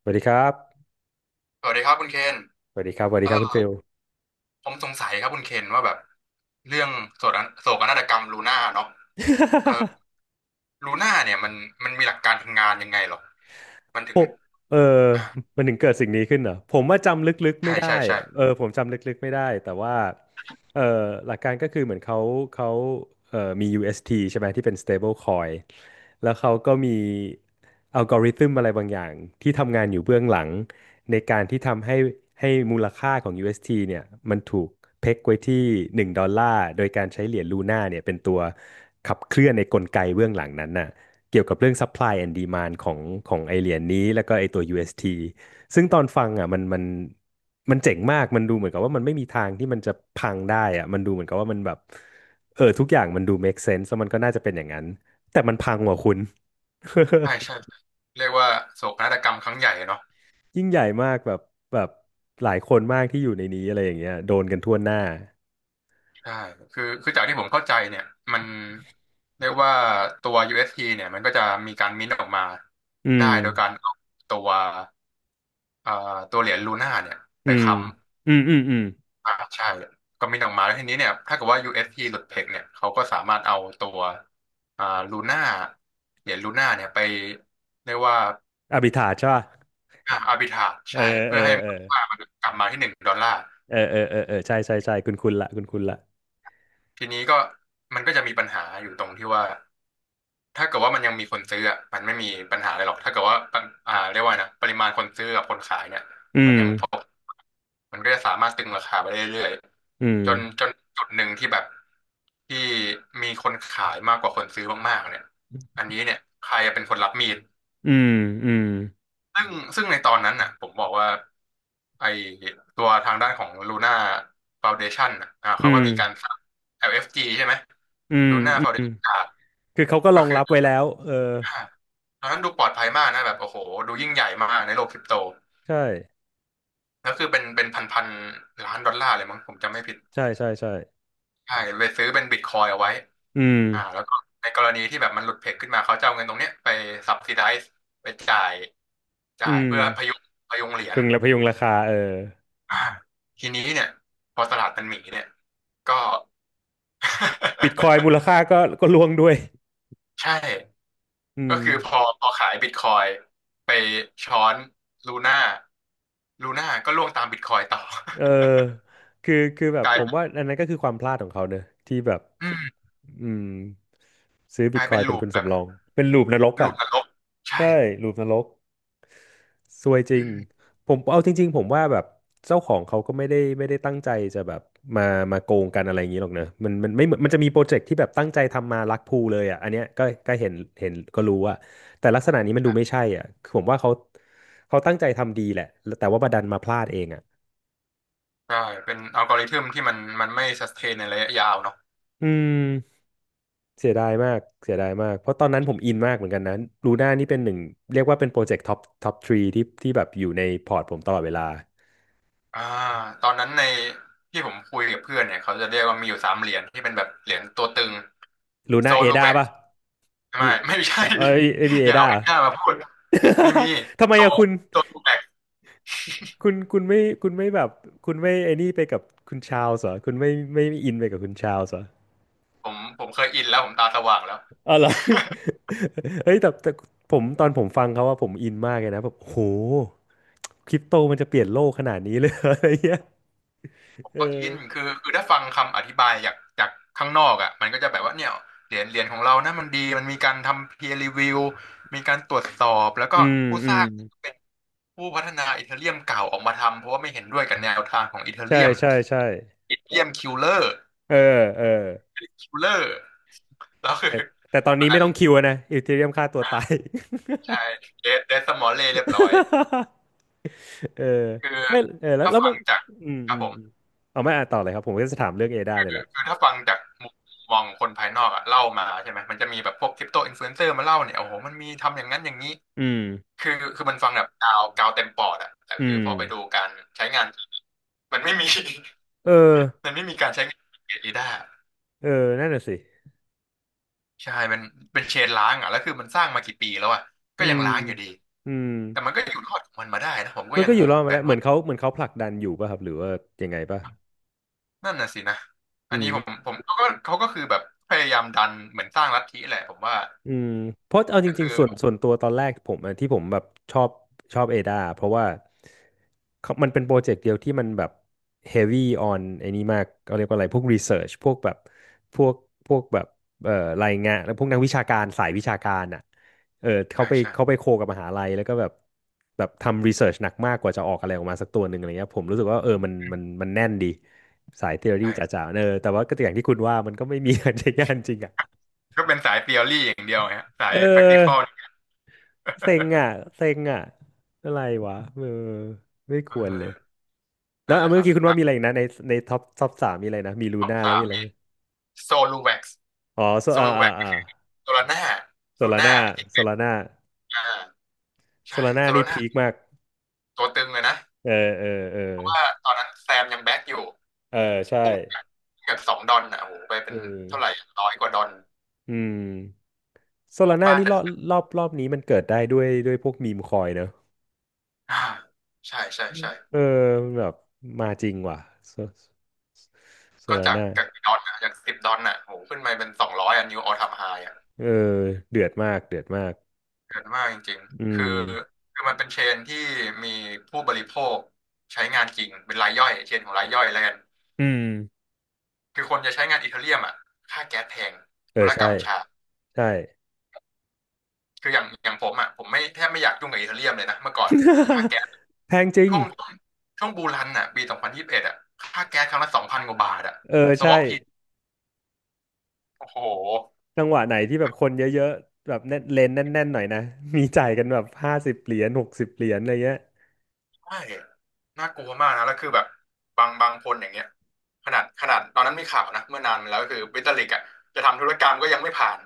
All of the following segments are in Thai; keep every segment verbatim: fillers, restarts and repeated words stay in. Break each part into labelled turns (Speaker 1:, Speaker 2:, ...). Speaker 1: สวัสดีครับ
Speaker 2: สวัสดีครับคุณเคน
Speaker 1: สวัสดีครับสวัส
Speaker 2: เอ
Speaker 1: ดีครับคุณ
Speaker 2: อ
Speaker 1: ฟิล
Speaker 2: ผมสงสัยครับคุณเคนว่าแบบเรื่องโศกนาโศกนาฏกรรมลูน่าเนาะเออลูน่าเนี่ยมันมันมีหลักการทำงานยังไงหรอ มัน
Speaker 1: ผ
Speaker 2: ถึง
Speaker 1: มเออ
Speaker 2: อ่า
Speaker 1: มันถึงเกิดสิ่งนี้ขึ้นเหรอผมว่าจำลึกๆไม่
Speaker 2: ใช่
Speaker 1: ได้
Speaker 2: ใช่ใช่
Speaker 1: เออผมจำลึกๆไม่ได้ แต่ว่าเออหลักการก็คือเหมือนเขาเขาเออมี ยู เอส ที ใช่ไหมที่เป็น stable coin แล้วเขาก็มีอัลกอริทึมอะไรบางอย่างที่ทำงานอยู่เบื้องหลังในการที่ทำให้ให้มูลค่าของ ยู เอส ที เอสทีเนี่ยมันถูกเพ็กไว้ที่หนึ่งดอลลาร์โดยการใช้เหรียญลูน่าเนี่ยเป็นตัวขับเคลื่อนในกลไกเบื้องหลังนั้นน่ะ เกี่ยวกับเรื่อง supply and demand ของของไอเหรียญนี้แล้วก็ไอตัว ยู เอส ที ซึ่งตอนฟังอ่ะมันมันมันเจ๋งมากมันดูเหมือนกับว่ามันไม่มีทางที่มันจะพังได้อ่ะมันดูเหมือนกับว่ามันแบบเออทุกอย่างมันดู make sense แล้วมันก็น่าจะเป็นอย่างนั้นแต่มันพังว่ะคุณ
Speaker 2: ใช่ใช่ เรียกว่าโศกนาฏกรรมครั้งใหญ่เนาะ
Speaker 1: ยิ่งใหญ่มากแบบแบบหลายคนมากที่อยู่ในนี้อะไรอย่างเงี้ยโดนกันทั่วหน้า
Speaker 2: ใช่คือคือจากที่ผมเข้าใจเนี่ยมันเรียกว่าตัว u s t เนี่ยมันก็จะมีการมิ้นท์ออกมา
Speaker 1: อื
Speaker 2: ได้
Speaker 1: ม
Speaker 2: โดยการเอาตัวเอ่อตัวเหรียญลูน่าเนี่ยไป
Speaker 1: อืม
Speaker 2: ค้ำ
Speaker 1: อืมอืมอืม
Speaker 2: อ่าใช่ก็มีออกมาแล้วทีนี้เนี่ยถ้าเกิดว่า ยู เอส ที หลุดเทคเนี่ยเขาก็สามารถเอาตัวอ่าลูน่าเหรียญลูน่าเนี่ยไปเรียกว่า
Speaker 1: อภิธาใช่ป่ะ
Speaker 2: อ่าอาร์บิทาจ
Speaker 1: เออ
Speaker 2: ใช่
Speaker 1: เอ
Speaker 2: เพื่
Speaker 1: อ
Speaker 2: อให้
Speaker 1: เออ
Speaker 2: มูลค่ามันกลับมาที่หนึ่งดอลลาร์
Speaker 1: เออเออเออเออใช่ใช่ใช่คุณคุณละคุณคุณละ
Speaker 2: ทีนี้ก็มันก็จะมีปัญหาอยู่ตรงที่ว่าถ้าเกิดว่ามันยังมีคนซื้ออะมันไม่มีปัญหาอะไรหรอกถ้าเกิดว่าปริอ่าเรียกว่าไงนะปริมาณคนซื้อกับคนขายเนี่ย
Speaker 1: อื
Speaker 2: มัน
Speaker 1: ม
Speaker 2: ยังพอ มันก็จะสามารถตึงราคาไปเรื่อย
Speaker 1: อืม
Speaker 2: ๆจนจนจุดหนึ่งที่แบบที่มีคนขายมากกว่าคนซื้อมากๆเนี่ยอันนี้เนี่ยใครเป็นคนรับมีด
Speaker 1: อืม อืม
Speaker 2: ซึ่งซึ่งในตอนนั้นน่ะผมบอกว่าไอตัวทางด้านของ Luna Foundation น่ะอ่า
Speaker 1: อื
Speaker 2: เขาก็
Speaker 1: ม
Speaker 2: มีการสร้าง แอล เอฟ จี ใช่ไหม
Speaker 1: อืม
Speaker 2: Luna
Speaker 1: อืม
Speaker 2: Foundation ครับ
Speaker 1: คือเขาก็
Speaker 2: ก็
Speaker 1: รอง
Speaker 2: คือ
Speaker 1: รับไว้แล้วเออ
Speaker 2: อ่าตอนนั้นดูปลอดภัยมากนะแบบโอ้โหดูยิ่งใหญ่มากในโลกคริปโต
Speaker 1: ใช่
Speaker 2: แล้วคือเป็นเป็นพันพันล้านดอลลาร์เลยมั้งผมจำไม่ผิด
Speaker 1: ใช่ใช่ ใช่
Speaker 2: ใช่ไปซื้อเป็นบิตคอยเอาไว้
Speaker 1: อืม
Speaker 2: อ่าแล้วก็ในกรณีที่แบบมันหลุดเพกขึ้นมาเขาจะเอาเงินตรงเนี้ยไปซับซิไดซ์ไปจ่าย
Speaker 1: อื
Speaker 2: จ่าย
Speaker 1: ม
Speaker 2: เพื่อพยุงพยุงเหรียญ
Speaker 1: พึงและพยุงราคาเออ
Speaker 2: อ่าทีนี้เนี่ยพอตลาดมันหมีเนี่ยก็
Speaker 1: บิตคอยนมูล ค่าก็ก็ร่วงด้วย
Speaker 2: ใช่
Speaker 1: อื
Speaker 2: ก็
Speaker 1: ม
Speaker 2: คือพอพอขายบิตคอยไปช้อนลูน่าลูน่าก็ล่วงตามบิตคอยต่อ
Speaker 1: เออคือ คือแบ บ
Speaker 2: กลา
Speaker 1: ผ
Speaker 2: ย
Speaker 1: ม
Speaker 2: เป็น
Speaker 1: ว่าอันนั้นก็คือความพลาดของเขาเนอะที่แบบ
Speaker 2: อืม
Speaker 1: อืมซื้อ
Speaker 2: ก
Speaker 1: บิ
Speaker 2: ลา
Speaker 1: ต
Speaker 2: ย
Speaker 1: คอ
Speaker 2: เป็
Speaker 1: ย
Speaker 2: น
Speaker 1: น์เป็น
Speaker 2: ลูป
Speaker 1: ทุน
Speaker 2: แบบ
Speaker 1: สำรอง เป็นลูปนรก
Speaker 2: ลู
Speaker 1: อ่ะ
Speaker 2: ปนรกใช่
Speaker 1: ใช่ลูปนรก ซวยจ
Speaker 2: อื
Speaker 1: ริง
Speaker 2: ม
Speaker 1: ผมเอาจริงๆผมว่าแบบเจ้าของเขาก็ไม่ได้ไม่ได้ตั้งใจจะแบบมามาโกงกันอะไรอย่างนี้หรอกเนอะมันมันไม่เหมือนมันจะมีโปรเจกต์ที่แบบตั้งใจทำมารักพูเลยอ่ะอันเนี้ยก็ก็เห็นเห็นก็รู้อ่ะแต่ลักษณะนี้มันดูไม่ใช่อ่ะคือผมว่าเขาเขาตั้งใจทำดีแหละแต่ว่าบัดันมาพลาดเองอ่ะ
Speaker 2: ใช่เป็นอัลกอริทึมที่มันมันไม่สเตนในระยะยาวเนาะ
Speaker 1: อืมเสียดายมากเสียดายมากเพราะตอนนั้นผมอินมากเหมือนกันนะลูน่านี่เป็นหนึ่งเรียกว่าเป็นโปรเจกต์ท็อปท็อปทรีที่ที่แบบอยู่ในพอร์ตผมตลอดเวลา
Speaker 2: อ่าตอนนั้นในที่ผมคุยกับเพื่อนเนี่ยเขาจะเรียกว่ามีอยู่สามเหรียญที่เป็นแบบเหรียญตัวตึง
Speaker 1: ลู
Speaker 2: โซ
Speaker 1: น่าเอ
Speaker 2: ลู
Speaker 1: ดา
Speaker 2: แวก
Speaker 1: ป่ะ
Speaker 2: ไม่
Speaker 1: มี
Speaker 2: ไม่ใช่
Speaker 1: เออเอบี เอ
Speaker 2: อย่า
Speaker 1: ด้า
Speaker 2: เอาเอ็น้ามาพูดไม่มี
Speaker 1: ทำไม
Speaker 2: โซ
Speaker 1: อะคุณ
Speaker 2: โซลูแวก
Speaker 1: คุณคุณไม่คุณไม่แบบคุณไม่ไอ้นี่ไปกับคุณชาวส์เหรอคุณไม่ไม่ไม่อินไปกับคุณชาวส์เหรอ
Speaker 2: ผมผมเคยอินแล้วผมตาสว่างแล้ว
Speaker 1: อ๋อเหรอ เฮ้ยแต่แต่ผมตอนผมฟังเขาว่าผมอินมากเลยนะแบบโหคริปโตมันจะเปลี่ยนโลกขนาดนี้เลย เหรออะไรเงี้ย
Speaker 2: ผม
Speaker 1: เออ
Speaker 2: ก็อินคือคือถ้าฟังคำอธิบายจากจากข้างนอกอ่ะมันก็จะแบบว่าเนี่ยเหรียญเหรียญของเรานะมันดีมันมีการทำ peer review มีการตรวจสอบแล้วก็
Speaker 1: อืม
Speaker 2: ผู้
Speaker 1: อื
Speaker 2: สร้า
Speaker 1: ม
Speaker 2: ง ผู้พัฒนาอีเธอเรียมเก่าออกมาทำเพราะว่าไม่เห็นด้วยกับแนวทางของอีเธอ
Speaker 1: ใช่
Speaker 2: เรียม
Speaker 1: ใช่ใช่
Speaker 2: อีเธอเรียมคิลเลอร์
Speaker 1: เออเออ
Speaker 2: คิลเลอร์แล้วคือ
Speaker 1: แต่แต่ตอน
Speaker 2: ตอน
Speaker 1: นี้ไม่
Speaker 2: นั้น
Speaker 1: ต้องคิวอะนะอีเธเรียมฆ่าตัว
Speaker 2: อ่า
Speaker 1: ตาย
Speaker 2: ใช่เดเดสมอลเล่เรียบร้อย
Speaker 1: เออ
Speaker 2: คือ
Speaker 1: ไม่เออแล้ว
Speaker 2: ถ้า
Speaker 1: แล้ว
Speaker 2: ฟั
Speaker 1: มั
Speaker 2: ง
Speaker 1: น
Speaker 2: จาก
Speaker 1: อืม
Speaker 2: ครั
Speaker 1: อื
Speaker 2: บ
Speaker 1: ม
Speaker 2: ผ
Speaker 1: อืม
Speaker 2: ม
Speaker 1: เอาไม่อ่านต่อเลยครับผมก็จะถามเรื่องเอด้า
Speaker 2: คือ
Speaker 1: เนี่ยแหละ
Speaker 2: คือถ้าฟังจากมุมมองคนภายนอกอะเล่ามาใช่ไหมมันจะมีแบบพวกคริปโตอินฟลูเอนเซอร์มาเล่าเนี่ยโอ้โหมันมีทำอย่างนั้นอย่างนี้
Speaker 1: อืม
Speaker 2: คือคือมันฟังแบบกาวกาวเต็มปอดอะแต่
Speaker 1: อื
Speaker 2: คือ
Speaker 1: ม
Speaker 2: พอไปดูการใช้งานมันไม่มี
Speaker 1: เออ
Speaker 2: มันไม่มีการใช้งานของีด้
Speaker 1: เออนั่นน่ะสิ
Speaker 2: ใช่เป็นเป็นเชนล้างอ่ะแล้วคือมันสร้างมากี่ปีแล้วอ่ะก็
Speaker 1: อื
Speaker 2: ยัง
Speaker 1: ม
Speaker 2: ล้างอยู่ดี
Speaker 1: อืม
Speaker 2: แต่มันก็อยู่รอดของมันมาได้นะผมก็
Speaker 1: มัน
Speaker 2: ยัง
Speaker 1: ก็อ
Speaker 2: ง
Speaker 1: ยู่
Speaker 2: ง
Speaker 1: รอ
Speaker 2: เห
Speaker 1: ด
Speaker 2: มือน
Speaker 1: มา
Speaker 2: กั
Speaker 1: ได้
Speaker 2: น
Speaker 1: เหมื
Speaker 2: ว่า
Speaker 1: อนเขาเหมือนเขาผลักดันอยู่ป่ะครับหรือว่ายังไงป่ะ
Speaker 2: นั่นน่ะสินะอั
Speaker 1: อื
Speaker 2: นนี้ผม
Speaker 1: ม
Speaker 2: ผมเขาก็เขาก็คือแบบพยายามดันเหมือนสร้างลัทธิแหละผมว่า
Speaker 1: อืมเพราะเอาจ
Speaker 2: ก็
Speaker 1: ริง
Speaker 2: คือ
Speaker 1: ๆส่วนส่วนตัวตอนแรกผมอะที่ผมแบบชอบชอบเอดาเพราะว่าเขามันเป็นโปรเจกต์เดียวที่มันแบบ heavy on ไอ้นี้มากเขาเรียกว่าอะไรพวก research พวกแบบพวกพวกแบบเอ่อรายงานแล้วพวกนักวิชาการสายวิชาการอ่ะเออเขา
Speaker 2: ใช่
Speaker 1: ไป
Speaker 2: ใช่
Speaker 1: เขาไปโคกับมหาลัยแล้วก็แบบแบบทำ research หนักมากกว่าจะออกอะไรออกมาสักตัวหนึ่งอะไรเงี้ยผมรู้สึกว่าเออมันมันมันแน่นดีสาย theory
Speaker 2: ใช่
Speaker 1: จ๋าๆเออแต่ว่าก็อย่างที่คุณว่ามันก็ไม่มี ใช้งานจริงอ่ะ
Speaker 2: ก็เป็นสาย t e o รีอย่างเดียวฮะสา
Speaker 1: เ
Speaker 2: ย practical
Speaker 1: ออ
Speaker 2: นี่
Speaker 1: เซ็งอ่ะเซ็งอ่ะอะไรวะเออไม่ค
Speaker 2: เออ
Speaker 1: วรเลยแล้ว
Speaker 2: นั่นแห
Speaker 1: อ่ะ
Speaker 2: ละค
Speaker 1: เมื่อ
Speaker 2: รับ
Speaker 1: กี้คุณว่า
Speaker 2: อ่ะ
Speaker 1: มีอะไรอีกนะในในท็อปท็อปสามมีอะไรนะมีลูน่า
Speaker 2: คำ
Speaker 1: แล้ว
Speaker 2: ถาม
Speaker 1: มีอะไร
Speaker 2: มี
Speaker 1: นะ
Speaker 2: โซลูแว็กซ์
Speaker 1: อ๋อโซ
Speaker 2: โซ
Speaker 1: อ่า
Speaker 2: ลู
Speaker 1: อ่า
Speaker 2: แว็กซ์
Speaker 1: อ่า
Speaker 2: โซลาน่า
Speaker 1: โซ
Speaker 2: ลู
Speaker 1: ลา
Speaker 2: น่า
Speaker 1: น่า
Speaker 2: เอ็
Speaker 1: โซ
Speaker 2: น
Speaker 1: ลาน่า
Speaker 2: อา
Speaker 1: โซ
Speaker 2: ใช่
Speaker 1: ลาน่า
Speaker 2: โซลา
Speaker 1: นี่
Speaker 2: น่า
Speaker 1: พีคมาก
Speaker 2: ตัวตึงเลยนะ
Speaker 1: เออเออเออ
Speaker 2: เพราะว่าตอนนั้นแซมยังแบ็คอยู่
Speaker 1: เออใช่
Speaker 2: พุ่งจากับสองดอลน่ะโอ้โหไปเป็
Speaker 1: อื
Speaker 2: นเท่าไหร่
Speaker 1: ม
Speaker 2: ร้อยกว่าดอน
Speaker 1: อืมโซลาน่า
Speaker 2: บ้า
Speaker 1: นี่
Speaker 2: จั
Speaker 1: รอบ
Speaker 2: ด
Speaker 1: รอบรอบนี้มันเกิดได้ด้วยด้วยพวกมีมคอยเนอะ
Speaker 2: อ่าใช่ใช่ใช่
Speaker 1: เออมันแบบมาจริงว่ะโซโซ
Speaker 2: ก็
Speaker 1: ลา
Speaker 2: จาก
Speaker 1: น่า
Speaker 2: จากดอลน่ะจากสิบดอลน่ะโอ้โหขึ้นไปเป็นสองร้อยอ่ะนิวออลไทมไฮอ่ะ
Speaker 1: เออเดือดมากเดือดมาก
Speaker 2: เกินมากจริง
Speaker 1: อื
Speaker 2: ๆคือ
Speaker 1: ม
Speaker 2: คือมันเป็นเชนที่มีผู้บริโภคใช้งานจริงเป็นรายย่อยเชนของรายย่อยแล้วกัน
Speaker 1: อืม
Speaker 2: คือคนจะใช้งานอีเธอเรียมอ่ะค่าแก๊สแพง
Speaker 1: เอ
Speaker 2: ธุ
Speaker 1: อ
Speaker 2: รกร
Speaker 1: ใช่
Speaker 2: รมช้า
Speaker 1: ใช่
Speaker 2: คืออย่างอย่างผมอ่ะผมไม่แทบไม่อยากยุ่งกับอีเธอเรียมเลยนะเมื่อก่อนค่าแก๊ส
Speaker 1: แพงจริง
Speaker 2: ช่วงช่วงบูรันอ่ะปีสองพันยี่สิบเอ็ดอ่ะค่าแก๊สครั้งละสองพันกว่าบาทอ่ะ
Speaker 1: เออ
Speaker 2: สว
Speaker 1: ใช่
Speaker 2: อปทีโอ้โห
Speaker 1: จังหวะไหนที่แบบคนเยอะๆแบบแน่นเลนแน่นๆหน่อยนะมีจ่ายกันแบบห้าสิบเหรียญหกสิบเหรียญอะไรเงี้ย
Speaker 2: ใช่น่ากลัวมากนะแล้วคือแบบบางบางคนอย่างเงี้ยขนาดขนาดตอนนั้นมีข่าวนะเมื่อนานมาแล้วก็คือบิตลิกอ่ะจะทำธุรกรรมก็ยังไม่ผ่าน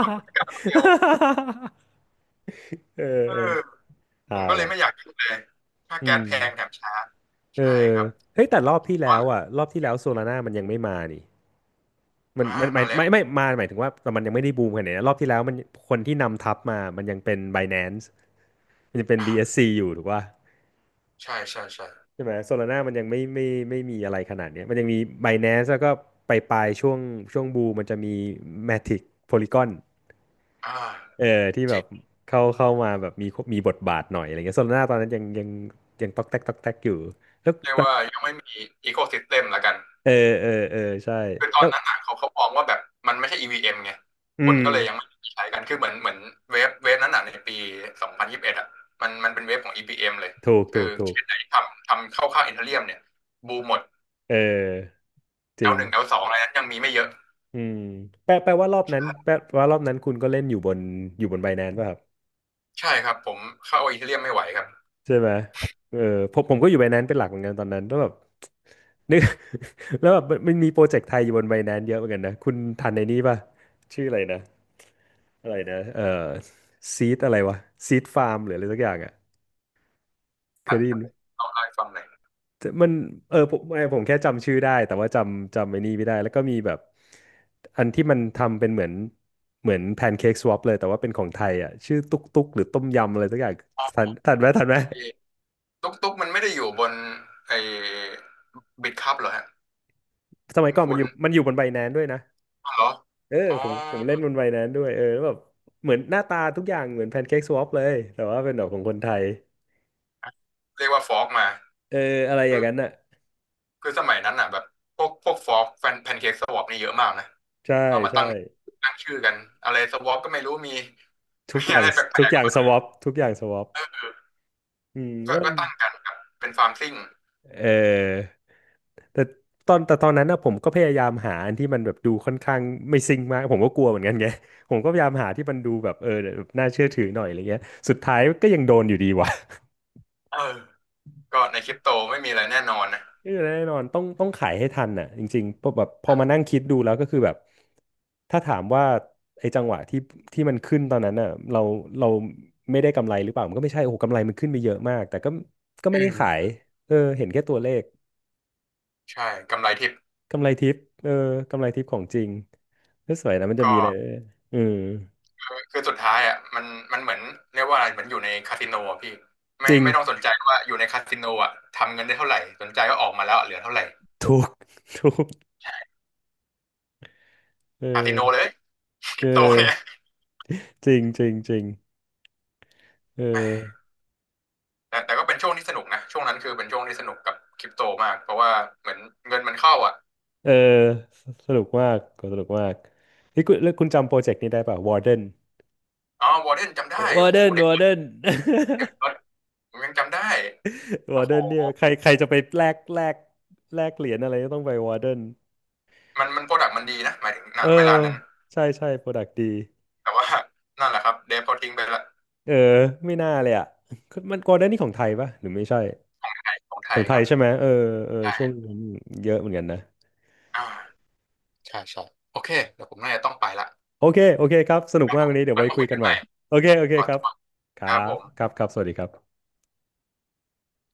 Speaker 2: ทำธุรกรรมเดียว
Speaker 1: เออ
Speaker 2: เออ
Speaker 1: เออ
Speaker 2: ผ
Speaker 1: ฮา
Speaker 2: มก็เลย
Speaker 1: ว่ะ
Speaker 2: ไม่อยากยุ่งเลยค่า
Speaker 1: อื
Speaker 2: แก๊ส
Speaker 1: ม
Speaker 2: แพงแถมช้า
Speaker 1: เอ
Speaker 2: ใช่
Speaker 1: อ
Speaker 2: ครับ
Speaker 1: เฮ้ยแต่รอบที่แล้วอ่ะรอบที่แล้วโซลาร่ามันยังไม่มานี่มัน
Speaker 2: มา
Speaker 1: มันหมาย
Speaker 2: มาแล้
Speaker 1: ไม่
Speaker 2: ว
Speaker 1: ไม่มาหมายถึงว่าแต่มันยังไม่ได้บูมขนาดนี้นะรอบที่แล้วมันคนที่นำทัพมามันยังเป็น Binance มันยังเป็น
Speaker 2: อ่า
Speaker 1: บี เอส ซี อสซีอยู่ถูกป่ะ
Speaker 2: ใช่ใช่ใช่
Speaker 1: ใช่ไหมโซลาร่ามันยังไม่ไม่ไม่มีอะไรขนาดเนี้ยมันยังมี Binance แล้วก็ไปปลายๆช่วงช่วงบูมมันจะมี Matic Polygon
Speaker 2: อ่า
Speaker 1: เออที่
Speaker 2: จ
Speaker 1: แบ
Speaker 2: ริ
Speaker 1: บ
Speaker 2: ง
Speaker 1: เข้าเข้ามาแบบมีมีบทบาทหน่อยอะไรเงี้ยโซลาร่าตอนนั้นยังยังยังตอกแตกตอกแตกอยู่แล้
Speaker 2: เรียก
Speaker 1: ว
Speaker 2: ว่ายังไม่มีอีโคซิสเต็มละกัน
Speaker 1: เออเออเออใช่
Speaker 2: คือตอ
Speaker 1: แล้
Speaker 2: น
Speaker 1: ว
Speaker 2: นั้นอ่ะเขาเขามองว่าแบบมันไม่ใช่ อี วี เอ็ม ไง
Speaker 1: อื
Speaker 2: คนก็เลยยัง
Speaker 1: ม
Speaker 2: ไม่ใช้กันคือเหมือนเหมือนเวฟเวฟนั้นอ่ะในปีสองพันยี่สิบเอ็ดองพันยี่สิบเอ็ดอะมันมันเป็นเวฟของ e v m เอ็มเลย
Speaker 1: ถูก
Speaker 2: คือ
Speaker 1: ถูกถู
Speaker 2: เช
Speaker 1: ก
Speaker 2: นไหนทำทำเข้าค่ายอีเธเรียมเนี่ยบูมหมด
Speaker 1: เออจริง
Speaker 2: แอล หนึ่ง แอล สอง อลสองอะไรนั้นยังมีไม่เยอะ
Speaker 1: อืมแปลแปลว่ารอบนั้นแปลว่ารอบนั้นคุณก็เล่นอยู่บนอยู่บน Binance ป่ะครับ
Speaker 2: ใช่ครับผมเข้าอีเธเรียมไม่ไหวครับ
Speaker 1: ใช่ไหมเออผมผมก็อยู่ไบแนนซ์เป็นหลักเหมือนกันตอนนั้นแล้วแบบ นึก แล้วแบบมันมีโปรเจกต์ไทยอยู่บนไบแนนซ์เยอะเหมือนกันนะคุณทันในนี้ป่ะชื่ออะไรนะอะไรนะเออซีดอะไรวะซีดฟาร์มหรืออะไรสักอย่างอ่ะเค
Speaker 2: อั
Speaker 1: ย
Speaker 2: น
Speaker 1: ได้
Speaker 2: ค
Speaker 1: ยิ
Speaker 2: รั
Speaker 1: น
Speaker 2: บ
Speaker 1: ไหม
Speaker 2: ผมเล่าให้ฟังหน่อย
Speaker 1: มันเออผมไม่ผมแค่จำชื่อได้แต่ว่าจำจำไอ้นี่ไม่ได้แล้วก็มีแบบอันที่มันทำเป็นเหมือนเหมือนแพนเค้กสวอปเลยแต่ว่าเป็นของไทยอ่ะชื่อตุ๊กตุ๊กหรือต้มยำอะไรสักอย่าง
Speaker 2: อ๋
Speaker 1: ทั
Speaker 2: อ
Speaker 1: นทันไหมทันไหม
Speaker 2: ไอ้ตุ๊กตุ๊กมันไม่ได้อยู่บนไอ้บิตคัพเหรอฮะ
Speaker 1: สมัย
Speaker 2: คุณ
Speaker 1: ก่อนมั
Speaker 2: คุ
Speaker 1: นอ
Speaker 2: ณ
Speaker 1: ยู่มันอยู่บนไบแนนด้วยนะ
Speaker 2: เหรอ
Speaker 1: เออ
Speaker 2: อ๋อ
Speaker 1: ผมผมเล่นบนใบนั้นด้วยเออแล้วแบบเหมือนหน้าตาทุกอย่างเหมือนแพนเค้กสวอปเลยแต่ว่าเป็นแบบของคนไทย
Speaker 2: เรียกว่าฟอกมา
Speaker 1: เอออะไรอ
Speaker 2: คื
Speaker 1: ย่าง
Speaker 2: อ
Speaker 1: นั้นอ่ะ
Speaker 2: คือสมัยนั้นอ่ะแบบพวกพวกฟอกแฟนแพนเค้กสวอปนี่เยอะมากนะ
Speaker 1: ใช่
Speaker 2: เอามา
Speaker 1: ใช่
Speaker 2: ตั้งตั้งชื่อกันอะไรสวอปก็ไม่รู้มี
Speaker 1: ทุก
Speaker 2: มี
Speaker 1: อย่า
Speaker 2: อะ
Speaker 1: ง
Speaker 2: ไรแปล
Speaker 1: ทุก
Speaker 2: ก
Speaker 1: อย่างสวอปทุกอย่างสวอปอืม
Speaker 2: ๆก็
Speaker 1: แล้วมั
Speaker 2: ก็
Speaker 1: น
Speaker 2: ก็ตั้งกันครับเป็นฟาร์มซิ่ง
Speaker 1: เออแต่ตอนแต่ตอนนั้นนะผมก็พยายามหาอันที่มันแบบดูค่อนข้างไม่ซิงค์มากผมก็กลัวเหมือนกันไง ผมก็พยายามหาที่มันดูแบบเออแบบน่าเชื่อถือหน่อยอะไรเงี้ยสุดท้ายก็ยังโดนอยู่ดีว่ะ
Speaker 2: เออก็ในคริปโตไม่มีอะไรแน่นอนนะ
Speaker 1: เออแน่นอนต้องต้องขายให้ทันน่ะจริงๆพอแบบพอ
Speaker 2: เอ
Speaker 1: มานั่ง
Speaker 2: อ
Speaker 1: คิดดูแล้วก็คือแบบถ้าถามว่าไอ้จังหวะที่ที่มันขึ้นตอนนั้นน่ะเราเราไม่ได้กำไรหรือเปล่ามันก็ไม่ใช่โอ้โหกำไรมันขึ้นไปเยอะมากแต่ก็ก็ไม่
Speaker 2: อื
Speaker 1: ได้ขาย
Speaker 2: ม
Speaker 1: เออเห็นแค่ตัวเลข
Speaker 2: ใช่กำไรทิป
Speaker 1: กำไรทิปเออกำไรทิปของจริงก็สวยนะมันจะ
Speaker 2: ก็
Speaker 1: มีอะไรเออ
Speaker 2: คือคือสุดท้ายอ่ะมันมันเหมือนเรียกว่าอะไรเหมือนอยู่ในคาสิโนอ่ะพี่
Speaker 1: จ
Speaker 2: ไม่
Speaker 1: ริง
Speaker 2: ไม่ต้องสนใจว่าอยู่ในคาสิโนอ่ะทำเงินได้เท่าไหร่สนใจก็ออกมาแล้วเหลือเท่าไหร่
Speaker 1: ถูก ถูกเอ
Speaker 2: คาสิโนเล
Speaker 1: อ
Speaker 2: ยค
Speaker 1: เอ
Speaker 2: ริปโต
Speaker 1: อ
Speaker 2: เนี่ย
Speaker 1: จริงจริงจริงเอ
Speaker 2: แห
Speaker 1: อ
Speaker 2: ม แต่แต่ก็เป็นช่วงที่สนุกนะช่วงนั้นคือเป็นช่วงที่สนุกกับคริปโตมากเพราะว่าเหมือนเงินมันเข้าอ่ะ
Speaker 1: เออสนุกมากก็สนุกมากนี่คุณแล้วคุณจำโปรเจกต์นี้ได้ป่ะวอร์เดน
Speaker 2: อ๋อวอร์เดนจำได้
Speaker 1: วอ
Speaker 2: โอ้
Speaker 1: ร์เด
Speaker 2: โห
Speaker 1: น
Speaker 2: เด็
Speaker 1: วอร์เด
Speaker 2: ก
Speaker 1: น
Speaker 2: เด็กรถผมยังจำได้
Speaker 1: ว
Speaker 2: โอ้
Speaker 1: อร์เด
Speaker 2: โห
Speaker 1: น เนี่ยใครใครจะไปแลกแลกแลกเหรียญอะไรก็ต้องไปวอร์เดน
Speaker 2: มันมันโปรดักต์มันดีนะหมายถึงณ
Speaker 1: เออ
Speaker 2: เวลานั้น
Speaker 1: ใช่ใช่โปรดักต์ดี
Speaker 2: แต่ว่านั่นแหละครับเดฟเขาทิ้งไปละ
Speaker 1: เออไม่น่าเลยอ่ะมันวอร์เดนนี่ของไทยป่ะหรือไม่ใช่
Speaker 2: ของไท
Speaker 1: ขอ
Speaker 2: ย
Speaker 1: งไท
Speaker 2: ค
Speaker 1: ย
Speaker 2: รับ
Speaker 1: ใช่ไหมเออเออ
Speaker 2: ใช่
Speaker 1: ช่วงนั้นเยอะเหมือนกันนะ
Speaker 2: อ่าใช่ใช่โอเคเดี๋ยวผมน่าจะต้องไปละ
Speaker 1: โอเคโอเคครับสนุ
Speaker 2: ค
Speaker 1: ก
Speaker 2: รับ
Speaker 1: มา
Speaker 2: ผ
Speaker 1: ก
Speaker 2: ม
Speaker 1: วันนี้เดี๋ยว
Speaker 2: ไว้
Speaker 1: ไว้
Speaker 2: มา
Speaker 1: คุ
Speaker 2: คุ
Speaker 1: ย
Speaker 2: ย
Speaker 1: กั
Speaker 2: กั
Speaker 1: น
Speaker 2: น
Speaker 1: ให
Speaker 2: ให
Speaker 1: ม่
Speaker 2: ม่
Speaker 1: โอเคโอเค
Speaker 2: ขอ
Speaker 1: ครับ
Speaker 2: ตัว
Speaker 1: ค
Speaker 2: ค
Speaker 1: รั
Speaker 2: รับผ
Speaker 1: บ
Speaker 2: ม
Speaker 1: ครับครับสวัสดีครับ